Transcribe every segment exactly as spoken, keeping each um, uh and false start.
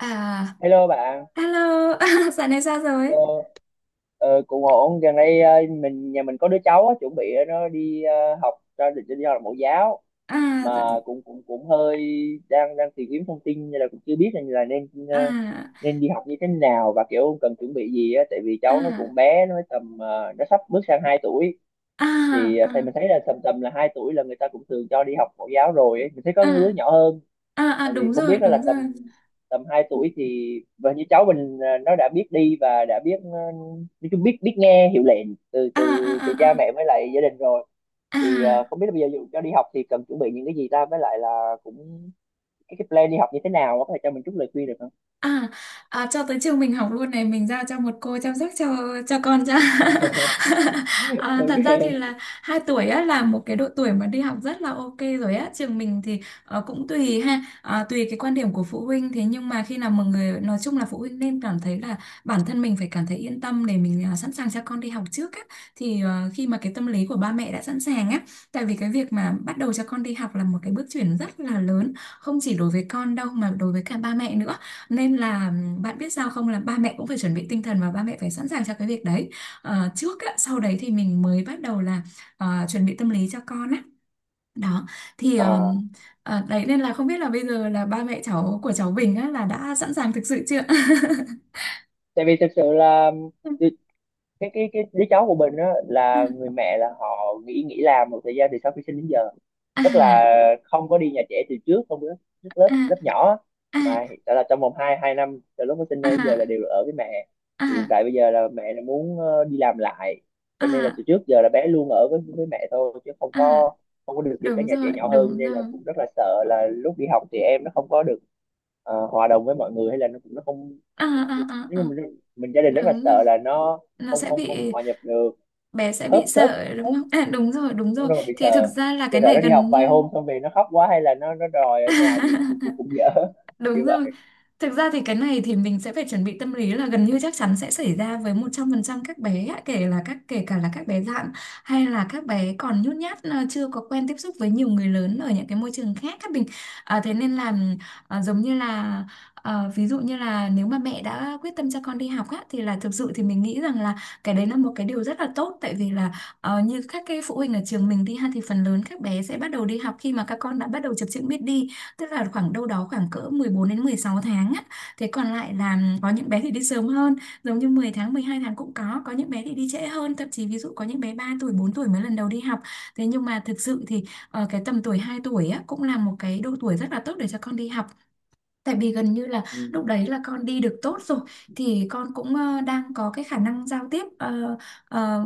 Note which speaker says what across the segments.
Speaker 1: À,
Speaker 2: Hello bạn.
Speaker 1: hello, à, dạo này sao
Speaker 2: ờ,
Speaker 1: rồi?
Speaker 2: ờ, Cũng ổn. Gần đây, ờ, mình nhà mình có đứa cháu á, chuẩn bị ờ, nó đi ờ, học, cho định đi học mẫu giáo
Speaker 1: À,
Speaker 2: mà
Speaker 1: dạ-
Speaker 2: cũng cũng cũng hơi đang đang tìm kiếm thông tin, nên là cũng chưa biết là, là nên, ờ,
Speaker 1: à,
Speaker 2: nên đi học như thế nào và kiểu cần chuẩn bị gì á. Tại vì
Speaker 1: à,
Speaker 2: cháu nó
Speaker 1: à,
Speaker 2: cũng bé, nó mới tầm, ờ, nó sắp bước sang hai tuổi. Thì ờ, thầy
Speaker 1: à,
Speaker 2: mình thấy là tầm tầm là hai tuổi là người ta cũng thường cho đi học mẫu giáo rồi ấy. Mình thấy có đứa
Speaker 1: à,
Speaker 2: nhỏ hơn.
Speaker 1: à, à,
Speaker 2: Ờ, thì
Speaker 1: đúng
Speaker 2: không
Speaker 1: rồi,
Speaker 2: biết đó là
Speaker 1: đúng rồi.
Speaker 2: tầm tầm hai tuổi thì, và như cháu mình à, nó đã biết đi và đã biết, ờ, nói chung biết biết nghe hiệu lệnh từ
Speaker 1: À,
Speaker 2: từ
Speaker 1: à,
Speaker 2: từ cha
Speaker 1: à, à,
Speaker 2: mẹ với lại gia đình rồi. Thì ờ,
Speaker 1: à.
Speaker 2: không biết là bây giờ dù cho đi học thì cần chuẩn bị những cái gì ta, với lại là cũng cái, cái plan đi học như thế nào, có thể cho mình chút lời khuyên được không?
Speaker 1: À, à, cho tới trường mình học luôn này, mình giao cho một cô chăm sóc cho cho con cho à, thật ra thì là
Speaker 2: Ok.
Speaker 1: hai tuổi á là một cái độ tuổi mà đi học rất là ok rồi á. Trường mình thì ờ, cũng tùy ha, ờ, tùy cái quan điểm của phụ huynh. Thế nhưng mà khi nào mọi người nói chung là phụ huynh nên cảm thấy là bản thân mình phải cảm thấy yên tâm để mình, à, sẵn sàng cho con đi học trước á, thì ờ, khi mà cái tâm lý của ba mẹ đã sẵn sàng á. Tại vì cái việc mà bắt đầu cho con đi học là một cái bước chuyển rất là lớn, không chỉ đối với con đâu mà đối với cả ba mẹ nữa, nên là bạn biết sao không, là ba mẹ cũng phải chuẩn bị tinh thần và ba mẹ phải sẵn sàng cho cái việc đấy. Ờ, trước á, sau đấy thì mình mới bắt đầu là ờ, chuẩn bị tâm lý cho con á. Đó. Thì
Speaker 2: À,
Speaker 1: ờm, ờ, đấy, nên là không biết là bây giờ là ba mẹ cháu của cháu Bình á là đã sẵn sàng thực sự chưa?
Speaker 2: tại vì thực sự là
Speaker 1: Ừ,
Speaker 2: cái cái cái đứa cháu của mình á, là
Speaker 1: ừ.
Speaker 2: người mẹ là họ nghỉ nghỉ làm một thời gian từ sau khi sinh đến giờ, tức là
Speaker 1: À,
Speaker 2: không có đi nhà trẻ từ trước, không có trước
Speaker 1: à,
Speaker 2: lớp lớp nhỏ á.
Speaker 1: à,
Speaker 2: Mà hiện tại là trong vòng hai hai năm từ lúc nó sinh ra đến giờ là
Speaker 1: à,
Speaker 2: đều ở với mẹ. Thì hiện
Speaker 1: à,
Speaker 2: tại bây giờ là mẹ là muốn ờ, đi làm lại, cho nên là
Speaker 1: à,
Speaker 2: từ trước giờ là bé luôn ở với với mẹ thôi, chứ không
Speaker 1: à,
Speaker 2: có, không có được đi các
Speaker 1: đúng
Speaker 2: nhà
Speaker 1: rồi,
Speaker 2: trẻ nhỏ hơn, cho
Speaker 1: đúng
Speaker 2: nên
Speaker 1: rồi.
Speaker 2: là cũng rất là sợ là lúc đi học thì em nó không có được, ờ, hòa đồng với mọi người, hay là nó cũng nó không.
Speaker 1: À, à, à,
Speaker 2: Nhưng
Speaker 1: à,
Speaker 2: mà mình, mình gia đình rất là
Speaker 1: đúng rồi.
Speaker 2: sợ là nó
Speaker 1: Nó
Speaker 2: không
Speaker 1: sẽ
Speaker 2: không không
Speaker 1: bị,
Speaker 2: hòa nhập được.
Speaker 1: bé sẽ
Speaker 2: khớp
Speaker 1: bị
Speaker 2: khớp
Speaker 1: sợ đúng
Speaker 2: Khớp.
Speaker 1: không? À, đúng rồi, đúng
Speaker 2: Đúng
Speaker 1: rồi.
Speaker 2: rồi, bị
Speaker 1: Thì thực
Speaker 2: sợ.
Speaker 1: ra là
Speaker 2: sợ
Speaker 1: cái
Speaker 2: sợ
Speaker 1: này
Speaker 2: nó đi học
Speaker 1: gần
Speaker 2: vài
Speaker 1: như
Speaker 2: hôm xong về nó khóc quá, hay là nó nó đòi ở nhà thì cũng cũng, cũng dở. Như
Speaker 1: đúng rồi.
Speaker 2: vậy.
Speaker 1: Thực ra thì cái này thì mình sẽ phải chuẩn bị tâm lý là gần như chắc chắn sẽ xảy ra với một trăm phần trăm các bé ạ, kể là các kể cả là các bé dạn hay là các bé còn nhút nhát, à, chưa có quen tiếp xúc với nhiều người lớn ở những cái môi trường khác các mình. À, thế nên là à, giống như là à, ví dụ như là nếu mà mẹ đã quyết tâm cho con đi học á, thì là thực sự thì mình nghĩ rằng là cái đấy là một cái điều rất là tốt. Tại vì là, ờ, như các cái phụ huynh ở trường mình đi ha, thì phần lớn các bé sẽ bắt đầu đi học khi mà các con đã bắt đầu chập chững biết đi, tức là khoảng đâu đó khoảng cỡ mười bốn đến mười sáu tháng á. Thế còn lại là có những bé thì đi sớm hơn, giống như mười tháng, mười hai tháng cũng có. Có những bé thì đi trễ hơn, thậm chí ví dụ có những bé ba tuổi, bốn tuổi mới lần đầu đi học. Thế nhưng mà thực sự thì ờ, cái tầm tuổi hai tuổi á cũng là một cái độ tuổi rất là tốt để cho con đi học. Tại vì gần như là
Speaker 2: Ừ.
Speaker 1: lúc đấy là con đi được tốt rồi, thì con cũng ờ, đang có cái khả năng giao tiếp, ờ, ờ,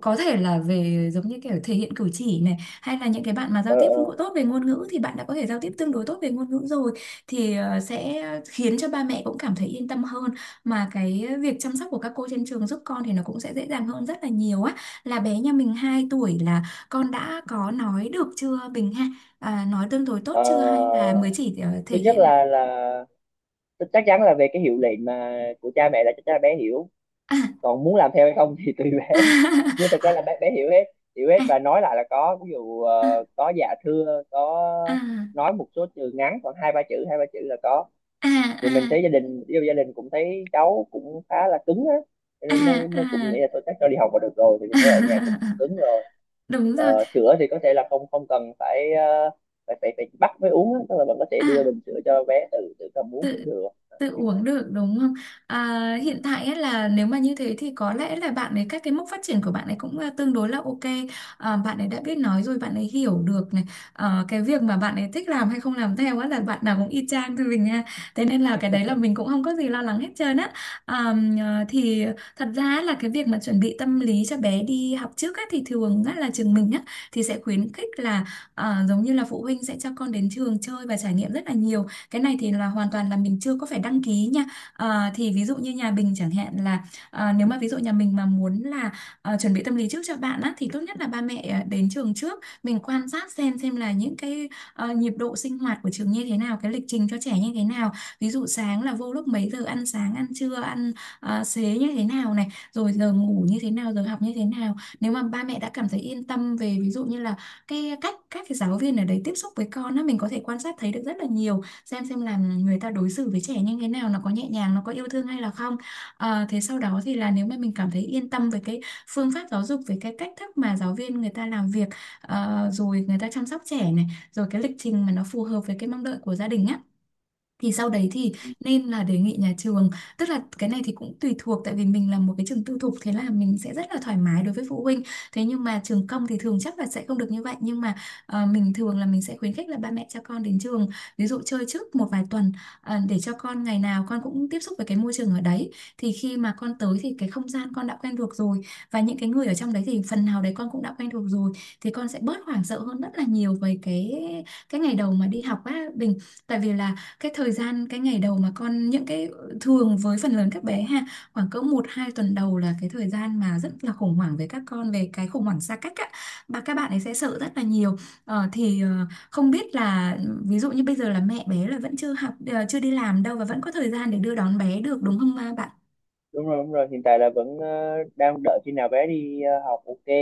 Speaker 1: có thể là về giống như kiểu thể hiện cử chỉ này, hay là những cái bạn mà giao
Speaker 2: ờ,
Speaker 1: tiếp ngữ-
Speaker 2: ờ.
Speaker 1: tốt về ngôn ngữ thì bạn đã có thể giao tiếp tương đối tốt về ngôn ngữ rồi, thì ờ, sẽ khiến cho ba mẹ cũng cảm thấy yên tâm hơn, mà cái việc chăm sóc của các cô trên trường giúp con thì nó cũng sẽ dễ dàng hơn rất là nhiều á. Là bé nhà mình hai tuổi là con đã có nói được chưa Bình ha? À, nói tương đối tốt
Speaker 2: Ờ,
Speaker 1: chưa hay là mới chỉ ờ, thể
Speaker 2: Thứ nhất
Speaker 1: hiện?
Speaker 2: là, là chắc chắn là về cái hiệu lệnh mà của cha mẹ, là chắc chắn là bé hiểu,
Speaker 1: À,
Speaker 2: còn muốn làm theo hay không thì tùy bé. Nhưng thật ra là bé bé hiểu hết. Hiểu hết,
Speaker 1: à,
Speaker 2: và nói lại là có, ví dụ ờ, có dạ thưa có,
Speaker 1: à,
Speaker 2: nói một số từ ngắn khoảng hai ba chữ, hai ba chữ là có.
Speaker 1: à,
Speaker 2: Thì mình
Speaker 1: à,
Speaker 2: thấy gia đình yêu gia đình cũng thấy cháu cũng khá là cứng á, cho
Speaker 1: à,
Speaker 2: nên mới mới cũng
Speaker 1: à,
Speaker 2: nghĩ là tôi chắc cho đi học là được rồi. Thì mình
Speaker 1: à.
Speaker 2: thấy ở nhà cũng, cũng cứng rồi.
Speaker 1: Đúng rồi.
Speaker 2: Ờ, sữa thì có thể là không không cần phải, ờ, phải phải, phải bắt mới uống á, tức là bạn có thể đưa
Speaker 1: À,
Speaker 2: bình sữa cho bé tự tự cầm uống cũng
Speaker 1: tự
Speaker 2: được. Ờ,
Speaker 1: tự
Speaker 2: Kiểu vậy.
Speaker 1: uống được đúng không? À,
Speaker 2: Ừ.
Speaker 1: hiện tại ấy là nếu mà như thế thì có lẽ là bạn ấy các cái mốc phát triển của bạn ấy cũng, à, tương đối là ok. À, bạn ấy đã biết nói rồi, bạn ấy hiểu được này. Ờ, cái việc mà bạn ấy thích làm hay không làm theo á là bạn nào cũng y chang thôi mình nha. Thế nên là cái đấy là mình cũng không có gì lo lắng hết trơn á. À, à, thì thật ra là cái việc mà chuẩn bị tâm lý cho bé đi học trước á thì thường á là trường mình á, thì sẽ khuyến khích là à, giống như là phụ huynh sẽ cho con đến trường chơi và trải nghiệm rất là nhiều. Cái này thì là hoàn toàn là mình chưa có phải đăng ký nha. Ờ, thì ví dụ như nhà mình chẳng hạn là ờ, nếu mà ví dụ nhà mình mà muốn là ờ, chuẩn bị tâm lý trước cho bạn á, thì tốt nhất là ba mẹ ờ, đến trường trước, mình quan sát xem xem là những cái ờ, nhịp độ sinh hoạt của trường như thế nào, cái lịch trình cho trẻ như thế nào, ví dụ sáng là vô lúc mấy giờ, ăn sáng, ăn trưa, ăn ờ, xế như thế nào này, rồi giờ ngủ như thế nào, giờ học như thế nào. Nếu mà ba mẹ đã cảm thấy yên tâm về ví dụ như là cái cách các cái giáo viên ở đấy tiếp xúc với con á, mình có thể quan sát thấy được rất là nhiều, xem xem là người ta đối xử với trẻ như thế nào, nó có nhẹ nhàng, nó có yêu thương hay là không. Ờ, thế sau đó thì là nếu mà mình cảm thấy yên tâm về cái phương pháp giáo dục, về cái cách thức mà giáo viên người ta làm việc, ờ, rồi người ta chăm sóc trẻ này, rồi cái lịch trình mà nó phù hợp với cái mong đợi của gia đình á, thì sau đấy thì nên là đề nghị nhà trường. Tức là cái này thì cũng tùy thuộc, tại vì mình là một cái trường tư thục thế là mình sẽ rất là thoải mái đối với phụ huynh. Thế nhưng mà trường công thì thường chắc là sẽ không được như vậy, nhưng mà ờ, mình thường là mình sẽ khuyến khích là ba mẹ cho con đến trường ví dụ chơi trước một vài tuần, ờ, để cho con ngày nào con cũng tiếp xúc với cái môi trường ở đấy, thì khi mà con tới thì cái không gian con đã quen thuộc rồi, và những cái người ở trong đấy thì phần nào đấy con cũng đã quen thuộc rồi, thì con sẽ bớt hoảng sợ hơn rất là nhiều về cái cái ngày đầu mà đi học á Bình. Tại vì là cái thời gian cái ngày đầu mà con, những cái ờ, thường với phần lớn các bé ha, khoảng cỡ một hai tuần đầu là cái thời gian mà rất là khủng hoảng với các con về cái khủng hoảng xa cách á, và các bạn ấy sẽ sợ rất là nhiều. Ờ, thì ờ, không biết là ví dụ như bây giờ là mẹ bé là vẫn chưa học ờ, chưa đi làm đâu và vẫn có thời gian để đưa đón bé được đúng không ba bạn?
Speaker 2: Đúng rồi, đúng rồi, hiện tại là vẫn ờ, đang đợi khi nào bé đi ờ, học, ok.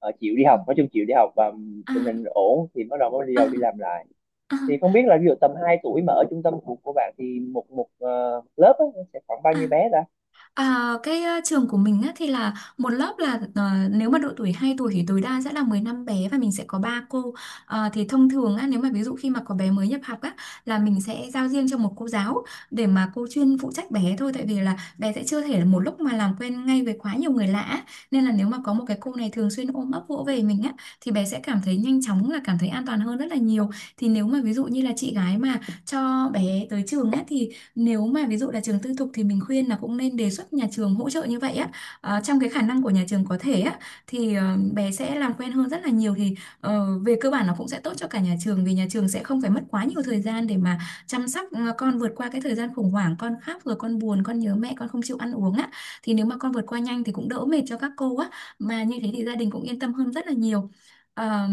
Speaker 2: Ờ, chịu đi
Speaker 1: Ừ.
Speaker 2: học, nói chung chịu đi học và tình hình
Speaker 1: à
Speaker 2: ổn thì bắt đầu mới đi
Speaker 1: à,
Speaker 2: đầu đi làm lại.
Speaker 1: à,
Speaker 2: Thì không biết là ví dụ tầm hai tuổi mà ở trung tâm của của bạn thì một một ờ, lớp á, nó sẽ khoảng bao nhiêu
Speaker 1: à.
Speaker 2: bé ta?
Speaker 1: À, cái ờ, trường của mình á, thì là một lớp là, ờ, nếu mà độ tuổi hai tuổi thì tối đa sẽ là mười lăm bé và mình sẽ có ba cô. Ờ, thì thông thường á, nếu mà ví dụ khi mà có bé mới nhập học á, là mình sẽ giao riêng cho một cô giáo để mà cô chuyên phụ trách bé thôi. Tại vì là bé sẽ chưa thể là một lúc mà làm quen ngay với quá nhiều người lạ á. Nên là nếu mà có một cái cô này thường xuyên ôm ấp vỗ về mình á, thì bé sẽ cảm thấy nhanh chóng là cảm thấy an toàn hơn rất là nhiều. Thì nếu mà ví dụ như là chị gái mà cho bé tới trường á, thì nếu mà ví dụ là trường tư thục thì mình khuyên là cũng nên đề xuất nhà trường hỗ trợ như vậy á. Ờ, trong cái khả năng của nhà trường có thể á thì ờ, bé sẽ làm quen hơn rất là nhiều, thì ờ, về cơ bản nó cũng sẽ tốt cho cả nhà trường vì nhà trường sẽ không phải mất quá nhiều thời gian để mà chăm sóc ờ, con vượt qua cái thời gian khủng hoảng, con khóc rồi con buồn, con nhớ mẹ, con không chịu ăn uống á, thì nếu mà con vượt qua nhanh thì cũng đỡ mệt cho các cô á, mà như thế thì gia đình cũng yên tâm hơn rất là nhiều. Ờ,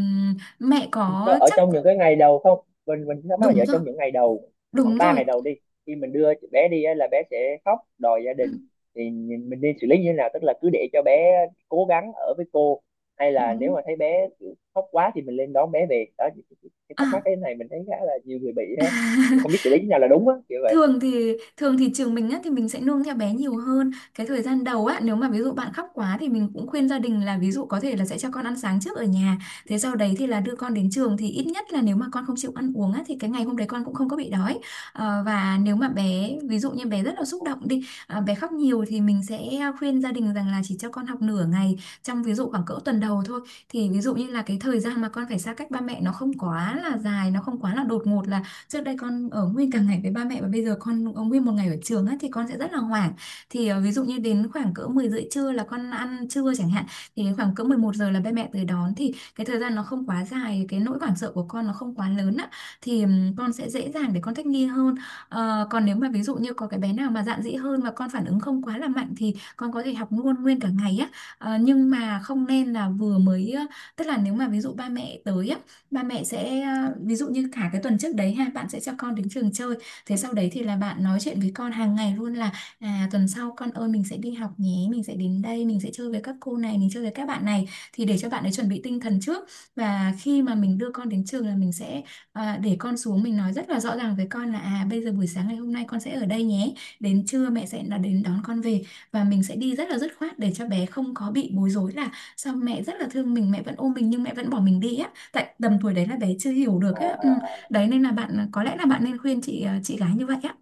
Speaker 1: Mẹ
Speaker 2: Cho-
Speaker 1: có
Speaker 2: ở
Speaker 1: chắc
Speaker 2: trong những cái ngày đầu, không, mình mình thắc mắc là,
Speaker 1: đúng
Speaker 2: ở
Speaker 1: rồi.
Speaker 2: trong những ngày đầu khoảng
Speaker 1: Đúng
Speaker 2: ba
Speaker 1: rồi.
Speaker 2: ngày đầu đi, khi mình đưa bé đi á, là bé sẽ khóc đòi gia
Speaker 1: Ừ,
Speaker 2: đình. Thì nhìn- mình nên xử lý như thế nào, tức là cứ để cho bé cố gắng ở với cô, hay là nếu
Speaker 1: đúng.
Speaker 2: mà thấy bé kiểu khóc quá thì mình lên đón bé về. Đó thì- thì- cái thắc mắc
Speaker 1: À.
Speaker 2: cái này mình thấy khá là nhiều người bị á. Mình không biết xử lý như thế nào là đúng á, kiểu vậy.
Speaker 1: thường thì thường thì trường mình á thì mình sẽ nương theo bé nhiều hơn cái thời gian đầu á, nếu mà ví dụ bạn khóc quá thì mình cũng khuyên gia đình là ví dụ có thể là sẽ cho con ăn sáng trước ở nhà, thế sau đấy thì là đưa con đến trường, thì ít nhất là nếu mà con không chịu ăn uống á thì cái ngày hôm đấy con cũng không có bị đói. Ờ, và nếu mà bé, ví dụ như bé rất là xúc động đi à, bé khóc nhiều thì mình sẽ khuyên gia đình rằng là chỉ cho con học nửa ngày, trong ví dụ khoảng cỡ tuần đầu thôi, thì ví dụ như là cái thời gian mà con phải xa cách ba mẹ nó không quá là dài, nó không quá là đột ngột, là trước đây con ở nguyên cả ngày với ba mẹ và bây giờ con ở nguyên một ngày ở trường á thì con sẽ rất là hoảng. Thì ờ, ví dụ như đến khoảng cỡ mười rưỡi trưa là con ăn trưa chẳng hạn, thì đến khoảng cỡ mười một giờ là ba mẹ tới đón, thì cái thời gian nó không quá dài, cái nỗi hoảng sợ của con nó không quá lớn á, thì ừm, con sẽ dễ dàng để con thích nghi hơn. Ờ, còn nếu mà ví dụ như có cái bé nào mà dạn dĩ hơn và con phản ứng không quá là mạnh thì con có thể học luôn nguyên cả ngày á. Ờ, nhưng mà không nên là vừa mới ờ, tức là nếu mà ví dụ ba mẹ tới á, ba mẹ sẽ à, ví dụ như cả cái tuần trước đấy ha, bạn sẽ cho con đến trường chơi, thế sau đấy thì là bạn nói chuyện với con hàng ngày luôn là à tuần sau con ơi, mình sẽ đi học nhé, mình sẽ đến đây, mình sẽ chơi với các cô này, mình chơi với các bạn này, thì để cho bạn ấy chuẩn bị tinh thần trước. Và khi mà mình đưa con đến trường là mình sẽ à, để con xuống, mình nói rất là rõ ràng với con là à bây giờ buổi sáng ngày hôm nay con sẽ ở đây nhé, đến trưa mẹ sẽ là đến đón con về, và mình sẽ đi rất là dứt khoát để cho bé không có bị bối rối là sao mẹ rất là thương mình, mẹ vẫn ôm mình nhưng mẹ vẫn bỏ mình đi á. Tại tầm tuổi đấy là bé chưa hiểu
Speaker 2: À,
Speaker 1: được á, ừ.
Speaker 2: à, à.
Speaker 1: Đấy nên là bạn có lẽ là bạn nên khuyên chị ờ, chị gái như vậy á.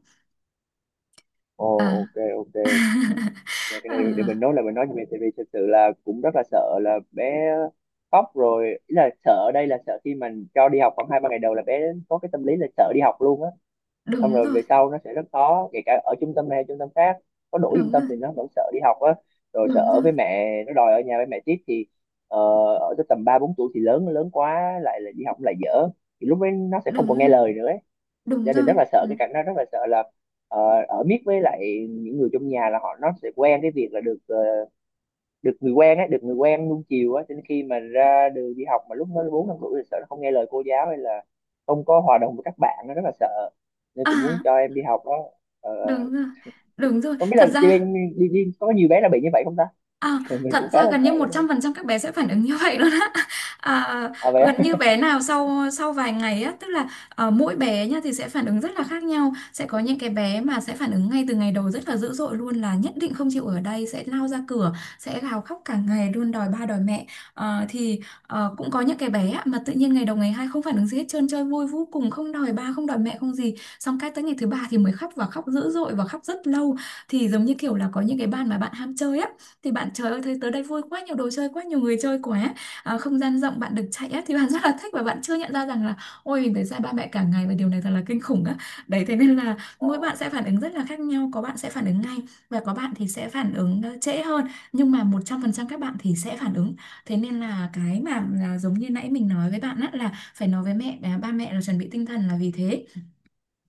Speaker 2: Ồ.
Speaker 1: À.
Speaker 2: Ok, ok. Về cái
Speaker 1: Ờ,
Speaker 2: này để mình nói, là mình nói về, tại vì thật sự là cũng rất là sợ là bé khóc rồi. Ý là sợ ở đây là sợ khi mình cho đi học khoảng hai ba ngày đầu là bé có cái tâm lý là sợ đi học luôn á, xong
Speaker 1: đúng
Speaker 2: rồi
Speaker 1: rồi.
Speaker 2: về sau nó sẽ rất khó. Kể cả ở trung tâm này hay trung tâm khác, có đổi trung
Speaker 1: Đúng
Speaker 2: tâm
Speaker 1: rồi.
Speaker 2: thì nó vẫn sợ đi học á, rồi sợ
Speaker 1: Đúng
Speaker 2: ở
Speaker 1: rồi.
Speaker 2: với mẹ, nó đòi ở nhà với mẹ tiếp thì, ờ, ở tới tầm ba bốn tuổi thì lớn lớn quá, lại là đi học lại dở. Thì lúc ấy nó sẽ không còn
Speaker 1: Đúng
Speaker 2: nghe
Speaker 1: rồi.
Speaker 2: lời nữa.
Speaker 1: Đúng
Speaker 2: Gia đình
Speaker 1: rồi.
Speaker 2: rất là sợ
Speaker 1: Ừ.
Speaker 2: cái cảnh đó, rất là sợ là, ờ, ở miết với lại những người trong nhà là họ, nó sẽ quen cái việc là được, ờ, được người quen á được người quen nuông chiều á, cho nên khi mà ra đường đi học mà lúc nó bốn năm tuổi thì sợ nó không nghe lời cô giáo, hay là không có hòa đồng với các bạn, nó rất là sợ. Nên cũng muốn
Speaker 1: À,
Speaker 2: cho em đi học đó. Ờ, ờ,
Speaker 1: đúng rồi, đúng rồi
Speaker 2: Không biết
Speaker 1: thật
Speaker 2: là chị
Speaker 1: ra.
Speaker 2: bên đi, đi có nhiều bé là bị như vậy không ta?
Speaker 1: À,
Speaker 2: Mình
Speaker 1: thật
Speaker 2: cũng khá
Speaker 1: ra
Speaker 2: là
Speaker 1: gần
Speaker 2: sợ
Speaker 1: như một
Speaker 2: đó.
Speaker 1: trăm phần trăm các bé sẽ phản ứng như vậy luôn á. À,
Speaker 2: À, vậy
Speaker 1: gần như
Speaker 2: á?
Speaker 1: bé nào sau sau vài ngày á, tức là ờ, mỗi bé nha thì sẽ phản ứng rất là khác nhau. Sẽ có những cái bé mà sẽ phản ứng ngay từ ngày đầu rất là dữ dội luôn, là nhất định không chịu ở đây, sẽ lao ra cửa, sẽ gào khóc cả ngày luôn đòi ba đòi mẹ. Ờ, thì ờ, Cũng có những cái bé á mà tự nhiên ngày đầu ngày hai không phản ứng gì hết trơn, chơi vui vô cùng, không đòi ba, không đòi mẹ, không gì. Xong cái tới ngày thứ ba thì mới khóc, và khóc dữ dội, và khóc rất lâu. Thì giống như kiểu là có những cái bạn mà bạn ham chơi á, thì bạn trời ơi thấy tới đây vui quá, nhiều đồ chơi quá, nhiều người chơi quá, à, không gian rộng bạn được chạy á thì bạn rất là thích, và bạn chưa nhận ra rằng là ôi mình phải xa ba mẹ cả ngày và điều này thật là kinh khủng á. Đấy thế nên là mỗi bạn
Speaker 2: À,
Speaker 1: sẽ phản ứng rất là khác nhau, có bạn sẽ phản ứng ngay và có bạn thì sẽ phản ứng ờ, trễ hơn, nhưng mà một trăm phần trăm các bạn thì sẽ phản ứng. Thế nên là cái mà là giống như nãy mình nói với bạn á là phải nói với mẹ à, ba mẹ là chuẩn bị tinh thần là vì thế.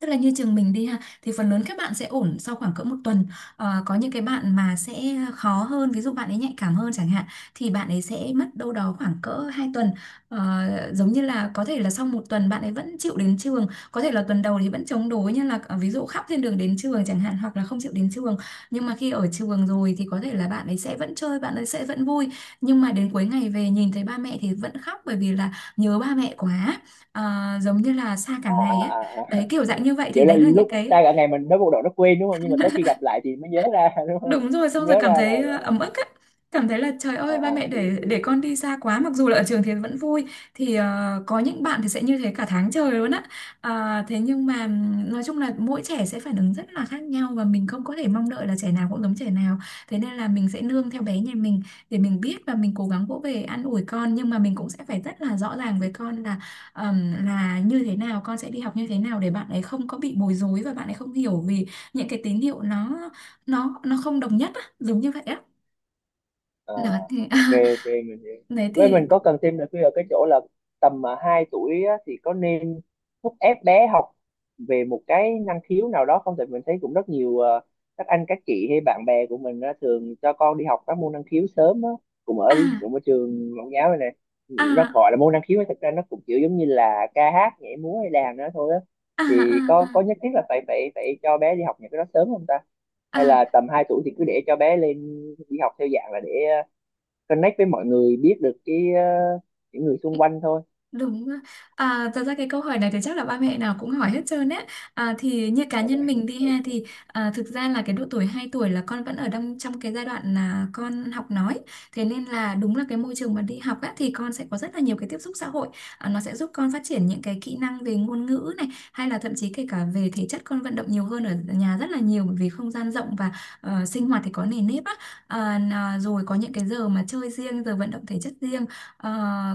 Speaker 1: Tức là như trường mình đi ha thì phần lớn các bạn sẽ ổn sau khoảng cỡ một tuần. Ờ, có những cái bạn mà sẽ khó hơn, ví dụ bạn ấy nhạy cảm hơn chẳng hạn, thì bạn ấy sẽ mất đâu đó khoảng cỡ hai tuần. Ờ, Giống như là có thể là sau một tuần bạn ấy vẫn chịu đến trường, có thể là tuần đầu thì vẫn chống đối, như là ờ, ví dụ khóc trên đường đến trường chẳng hạn, hoặc là không chịu đến trường, nhưng mà khi ở trường rồi thì có thể là bạn ấy sẽ vẫn chơi, bạn ấy sẽ vẫn vui, nhưng mà đến cuối ngày về nhìn thấy ba mẹ thì vẫn khóc, bởi vì là nhớ ba mẹ quá. Ờ, Giống như là xa cả
Speaker 2: à,
Speaker 1: ngày ấy.
Speaker 2: à, à, à.
Speaker 1: Đấy kiểu dạng như vậy thì
Speaker 2: Kiểu là
Speaker 1: đấy là những
Speaker 2: lúc
Speaker 1: cái
Speaker 2: xa cả ngày mình nói bộ đội nó quên đúng không, nhưng mà tới khi gặp lại thì mới nhớ ra, đúng không?
Speaker 1: đúng rồi, xong rồi
Speaker 2: Nhớ
Speaker 1: cảm
Speaker 2: ra
Speaker 1: thấy
Speaker 2: là.
Speaker 1: ờ, ấm ức á. Cảm thấy là trời
Speaker 2: À,
Speaker 1: ơi ba mẹ
Speaker 2: à, hiểu,
Speaker 1: để để
Speaker 2: hiểu.
Speaker 1: con đi xa quá, mặc dù là ở trường thì vẫn vui. Thì ờ, có những bạn thì sẽ như thế cả tháng trời luôn á. Ờ, thế nhưng mà ừm, nói chung là mỗi trẻ sẽ phản ứng rất là khác nhau và mình không có thể mong đợi là trẻ nào cũng giống trẻ nào, thế nên là mình sẽ nương theo bé nhà mình để mình biết, và mình cố gắng vỗ về an ủi con, nhưng mà mình cũng sẽ phải rất là rõ ràng với con là ờm, là như thế nào, con sẽ đi học như thế nào, để bạn ấy không có bị bối rối và bạn ấy không hiểu vì những cái tín hiệu nó nó nó không đồng nhất á giống như vậy á,
Speaker 2: À,
Speaker 1: nó thì
Speaker 2: ok, ok, mình hiểu.
Speaker 1: đấy
Speaker 2: Với mình
Speaker 1: thì.
Speaker 2: có cần thêm nữa ở cái chỗ là, tầm mà hai tuổi á, thì có nên thúc ép bé học về một cái năng khiếu nào đó không? Tại mình thấy cũng rất nhiều, ờ, các anh các chị hay bạn bè của mình á, thường cho con đi học các môn năng khiếu sớm á, cũng ở
Speaker 1: À.
Speaker 2: cũng ở trường mẫu giáo này nè. Nó
Speaker 1: À.
Speaker 2: gọi là môn năng khiếu nhưng thực ra nó cũng kiểu giống như là ca hát nhảy múa hay đàn nữa thôi á.
Speaker 1: À.
Speaker 2: Thì
Speaker 1: À.
Speaker 2: có có
Speaker 1: À.
Speaker 2: nhất thiết là phải phải phải cho bé đi học những cái đó sớm không ta? Hay
Speaker 1: À.
Speaker 2: là tầm hai tuổi thì cứ để cho bé lên đi học theo dạng là để, ờ, connect với mọi người, biết được cái, ờ, những người xung quanh thôi.
Speaker 1: Đúng ạ. À, thật ra cái câu hỏi này thì chắc là ba mẹ nào cũng hỏi hết trơn ấy. À, thì như cá
Speaker 2: À,
Speaker 1: nhân
Speaker 2: vậy.
Speaker 1: mình đi ha thì à, thực ra là cái độ tuổi hai tuổi là con vẫn ở trong trong cái giai đoạn là con học nói. Thế nên là đúng là cái môi trường mà đi học á, thì con sẽ có rất là nhiều cái tiếp xúc xã hội. À, nó sẽ giúp con phát triển những cái kỹ năng về ngôn ngữ này, hay là thậm chí kể cả về thể chất, con vận động nhiều hơn ở nhà rất là nhiều, bởi vì không gian rộng và ờ, sinh hoạt thì có nề nếp á. À, n- à, rồi có những cái giờ mà chơi riêng, giờ vận động thể chất riêng. Ờ,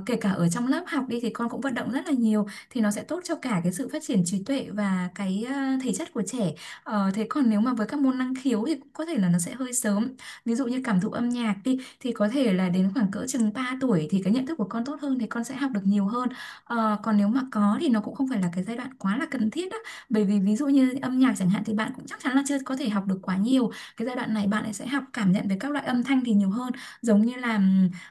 Speaker 1: Kể cả ở trong lớp học đi thì con cũng vận động rất là nhiều, thì nó sẽ tốt cho cả cái sự phát triển trí tuệ và cái ờ, thể chất của trẻ. Ờ, thế còn nếu mà với các môn năng khiếu thì cũng có thể là nó sẽ hơi sớm, ví dụ như cảm thụ âm nhạc đi thì có thể là đến khoảng cỡ chừng ba tuổi thì cái nhận thức của con tốt hơn, thì con sẽ học được nhiều hơn. Ờ, còn nếu mà có thì nó cũng không phải là cái giai đoạn quá là cần thiết á, bởi vì ví dụ như âm nhạc chẳng hạn thì bạn cũng chắc chắn là chưa có thể học được quá nhiều, cái giai đoạn này bạn ấy sẽ học cảm nhận về các loại âm thanh thì nhiều hơn, giống như là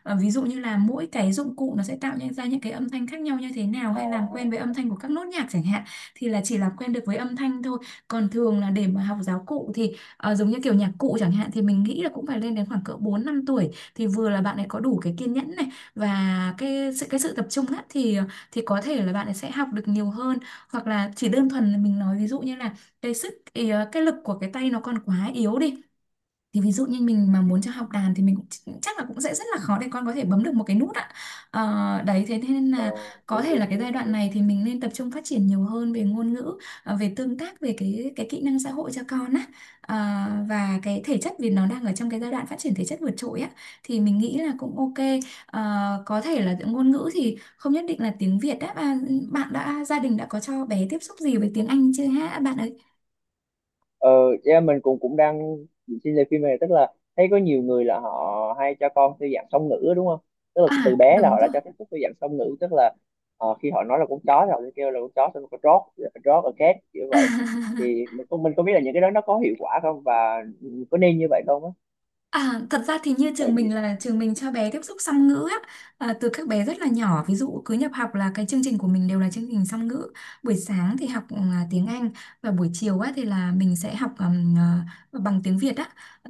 Speaker 1: Ờ, ví dụ như là mỗi cái dụng cụ nó sẽ tạo nên ra những cái âm thanh khác nhau như thế nào,
Speaker 2: À,
Speaker 1: hay làm quen
Speaker 2: à,
Speaker 1: với âm thanh của các nốt nhạc chẳng hạn, thì là chỉ làm quen được với âm thanh thôi. Còn thường là để mà học giáo cụ thì ờ, giống như kiểu nhạc cụ chẳng hạn, thì mình nghĩ là cũng phải lên đến khoảng cỡ bốn năm tuổi, thì vừa là bạn ấy có đủ cái kiên nhẫn này và cái sự cái sự tập trung á thì thì có thể là bạn ấy sẽ học được nhiều hơn, hoặc là chỉ đơn thuần là mình nói ví dụ như là cái sức ý, ờ, cái lực của cái tay nó còn quá yếu đi, thì ví dụ như mình mà muốn cho học đàn thì mình cũng ch- chắc là cũng sẽ rất là khó để con có thể bấm được một cái nút ạ. Ờ, đấy thế nên
Speaker 2: ờ,
Speaker 1: là có
Speaker 2: đúng,
Speaker 1: thể là
Speaker 2: đúng,
Speaker 1: cái giai
Speaker 2: đúng,
Speaker 1: đoạn
Speaker 2: đúng.
Speaker 1: này thì mình nên tập trung phát triển nhiều hơn về ngôn ngữ, ờ, về tương tác, về cái cái kỹ năng xã hội cho con á. Ờ, và cái thể chất, vì nó đang ở trong cái giai đoạn phát triển thể chất vượt trội á, thì mình nghĩ là cũng ok. Ờ, có thể là ngôn ngữ thì không nhất định là tiếng Việt á, à, bạn đã gia đình đã có cho bé tiếp xúc gì với tiếng Anh chưa hả bạn ấy?
Speaker 2: ờ yeah, mình cũng cũng đang xin lời phim này, tức là thấy có nhiều người là họ hay cho con theo dạng song ngữ á, đúng không? Tức là từ
Speaker 1: À,
Speaker 2: bé là
Speaker 1: đúng
Speaker 2: họ đã
Speaker 1: rồi.
Speaker 2: cho tiếp xúc theo dạng song ngữ, tức là, ờ, khi họ nói là con chó thì họ sẽ kêu là con chó, xong rồi có dog, dog, a cat, kiểu vậy. Thì mình không mình không biết là những cái đó nó có hiệu quả không, và có nên như vậy không á.
Speaker 1: À, thật ra thì như
Speaker 2: Bởi
Speaker 1: trường
Speaker 2: vì-
Speaker 1: mình là trường mình cho bé tiếp xúc song ngữ á, à, từ các bé rất là
Speaker 2: ừ.
Speaker 1: nhỏ, ví dụ cứ nhập học là cái chương trình của mình đều là chương trình song ngữ. Buổi sáng thì học à, tiếng Anh, và buổi chiều á thì là mình sẽ học ừm, à, bằng tiếng Việt á.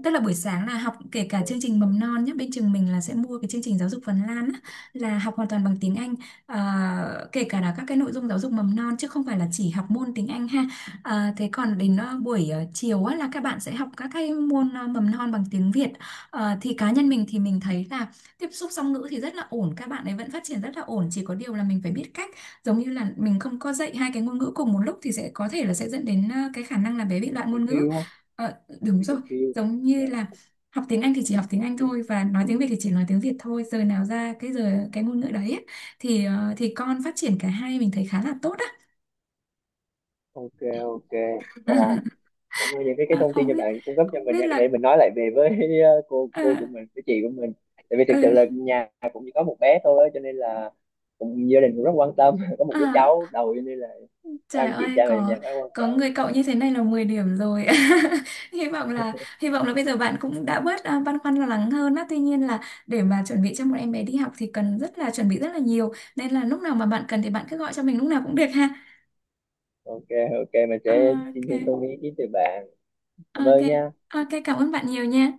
Speaker 1: Tức là buổi sáng là học kể cả chương trình mầm non nhé, bên trường mình là sẽ mua cái chương trình giáo dục Phần Lan á, là học hoàn toàn bằng tiếng Anh. À, kể cả là các cái nội dung giáo dục mầm non chứ không phải là chỉ học môn tiếng Anh ha. À, thế còn đến ờ, buổi ờ, chiều á, là các bạn sẽ học các cái môn ờ, mầm non bằng tiếng Việt. Ờ, thì cá nhân mình thì mình thấy là tiếp xúc song ngữ thì rất là ổn, các bạn ấy vẫn phát triển rất là ổn, chỉ có điều là mình phải biết cách. Giống như là mình không có dạy hai cái ngôn ngữ cùng một lúc thì sẽ có thể là sẽ dẫn đến ờ, cái khả năng là bé bị loạn
Speaker 2: Cần
Speaker 1: ngôn
Speaker 2: phiêu
Speaker 1: ngữ.
Speaker 2: đúng không?
Speaker 1: Ờ, đúng
Speaker 2: Bị
Speaker 1: rồi.
Speaker 2: cần phiêu.
Speaker 1: Giống như
Speaker 2: Dạ.
Speaker 1: là học tiếng Anh thì chỉ học tiếng Anh thôi, và nói tiếng Việt thì chỉ nói tiếng Việt thôi, giờ nào ra cái giờ cái ngôn ngữ đấy ấy, thì ờ, thì con phát triển cả hai mình thấy khá là tốt á.
Speaker 2: Ok, ok. Wow, cảm ơn những cái cái
Speaker 1: Ờ,
Speaker 2: thông tin
Speaker 1: không
Speaker 2: cho
Speaker 1: biết
Speaker 2: bạn cung cấp cho
Speaker 1: không
Speaker 2: mình
Speaker 1: biết
Speaker 2: nha, để
Speaker 1: là
Speaker 2: mình nói lại về với, cô
Speaker 1: ờ,
Speaker 2: cô của mình với chị của mình. Tại vì thực
Speaker 1: ờ,
Speaker 2: sự là nhà cũng chỉ có một bé thôi á, cho nên là cũng, gia đình cũng rất quan tâm, có một
Speaker 1: ờ,
Speaker 2: đứa cháu đầu cho nên là các
Speaker 1: Trời
Speaker 2: anh chị
Speaker 1: ơi
Speaker 2: cha mẹ trong
Speaker 1: có
Speaker 2: nhà khá quan
Speaker 1: có
Speaker 2: tâm.
Speaker 1: người cậu như thế này là mười điểm rồi. Hy vọng là hy vọng là bây giờ bạn cũng đã bớt à, băn khoăn lo lắng hơn á. Tuy nhiên là để mà chuẩn bị cho một em bé đi học thì cần rất là chuẩn bị rất là nhiều. Nên là lúc nào mà bạn cần thì bạn cứ gọi cho mình lúc nào cũng được ha.
Speaker 2: Ok, ok, mình sẽ
Speaker 1: Ok.
Speaker 2: xin thêm thông tin ý kiến từ bạn. Cảm
Speaker 1: Ok.
Speaker 2: ơn nha.
Speaker 1: Ok, cảm ơn bạn nhiều nha.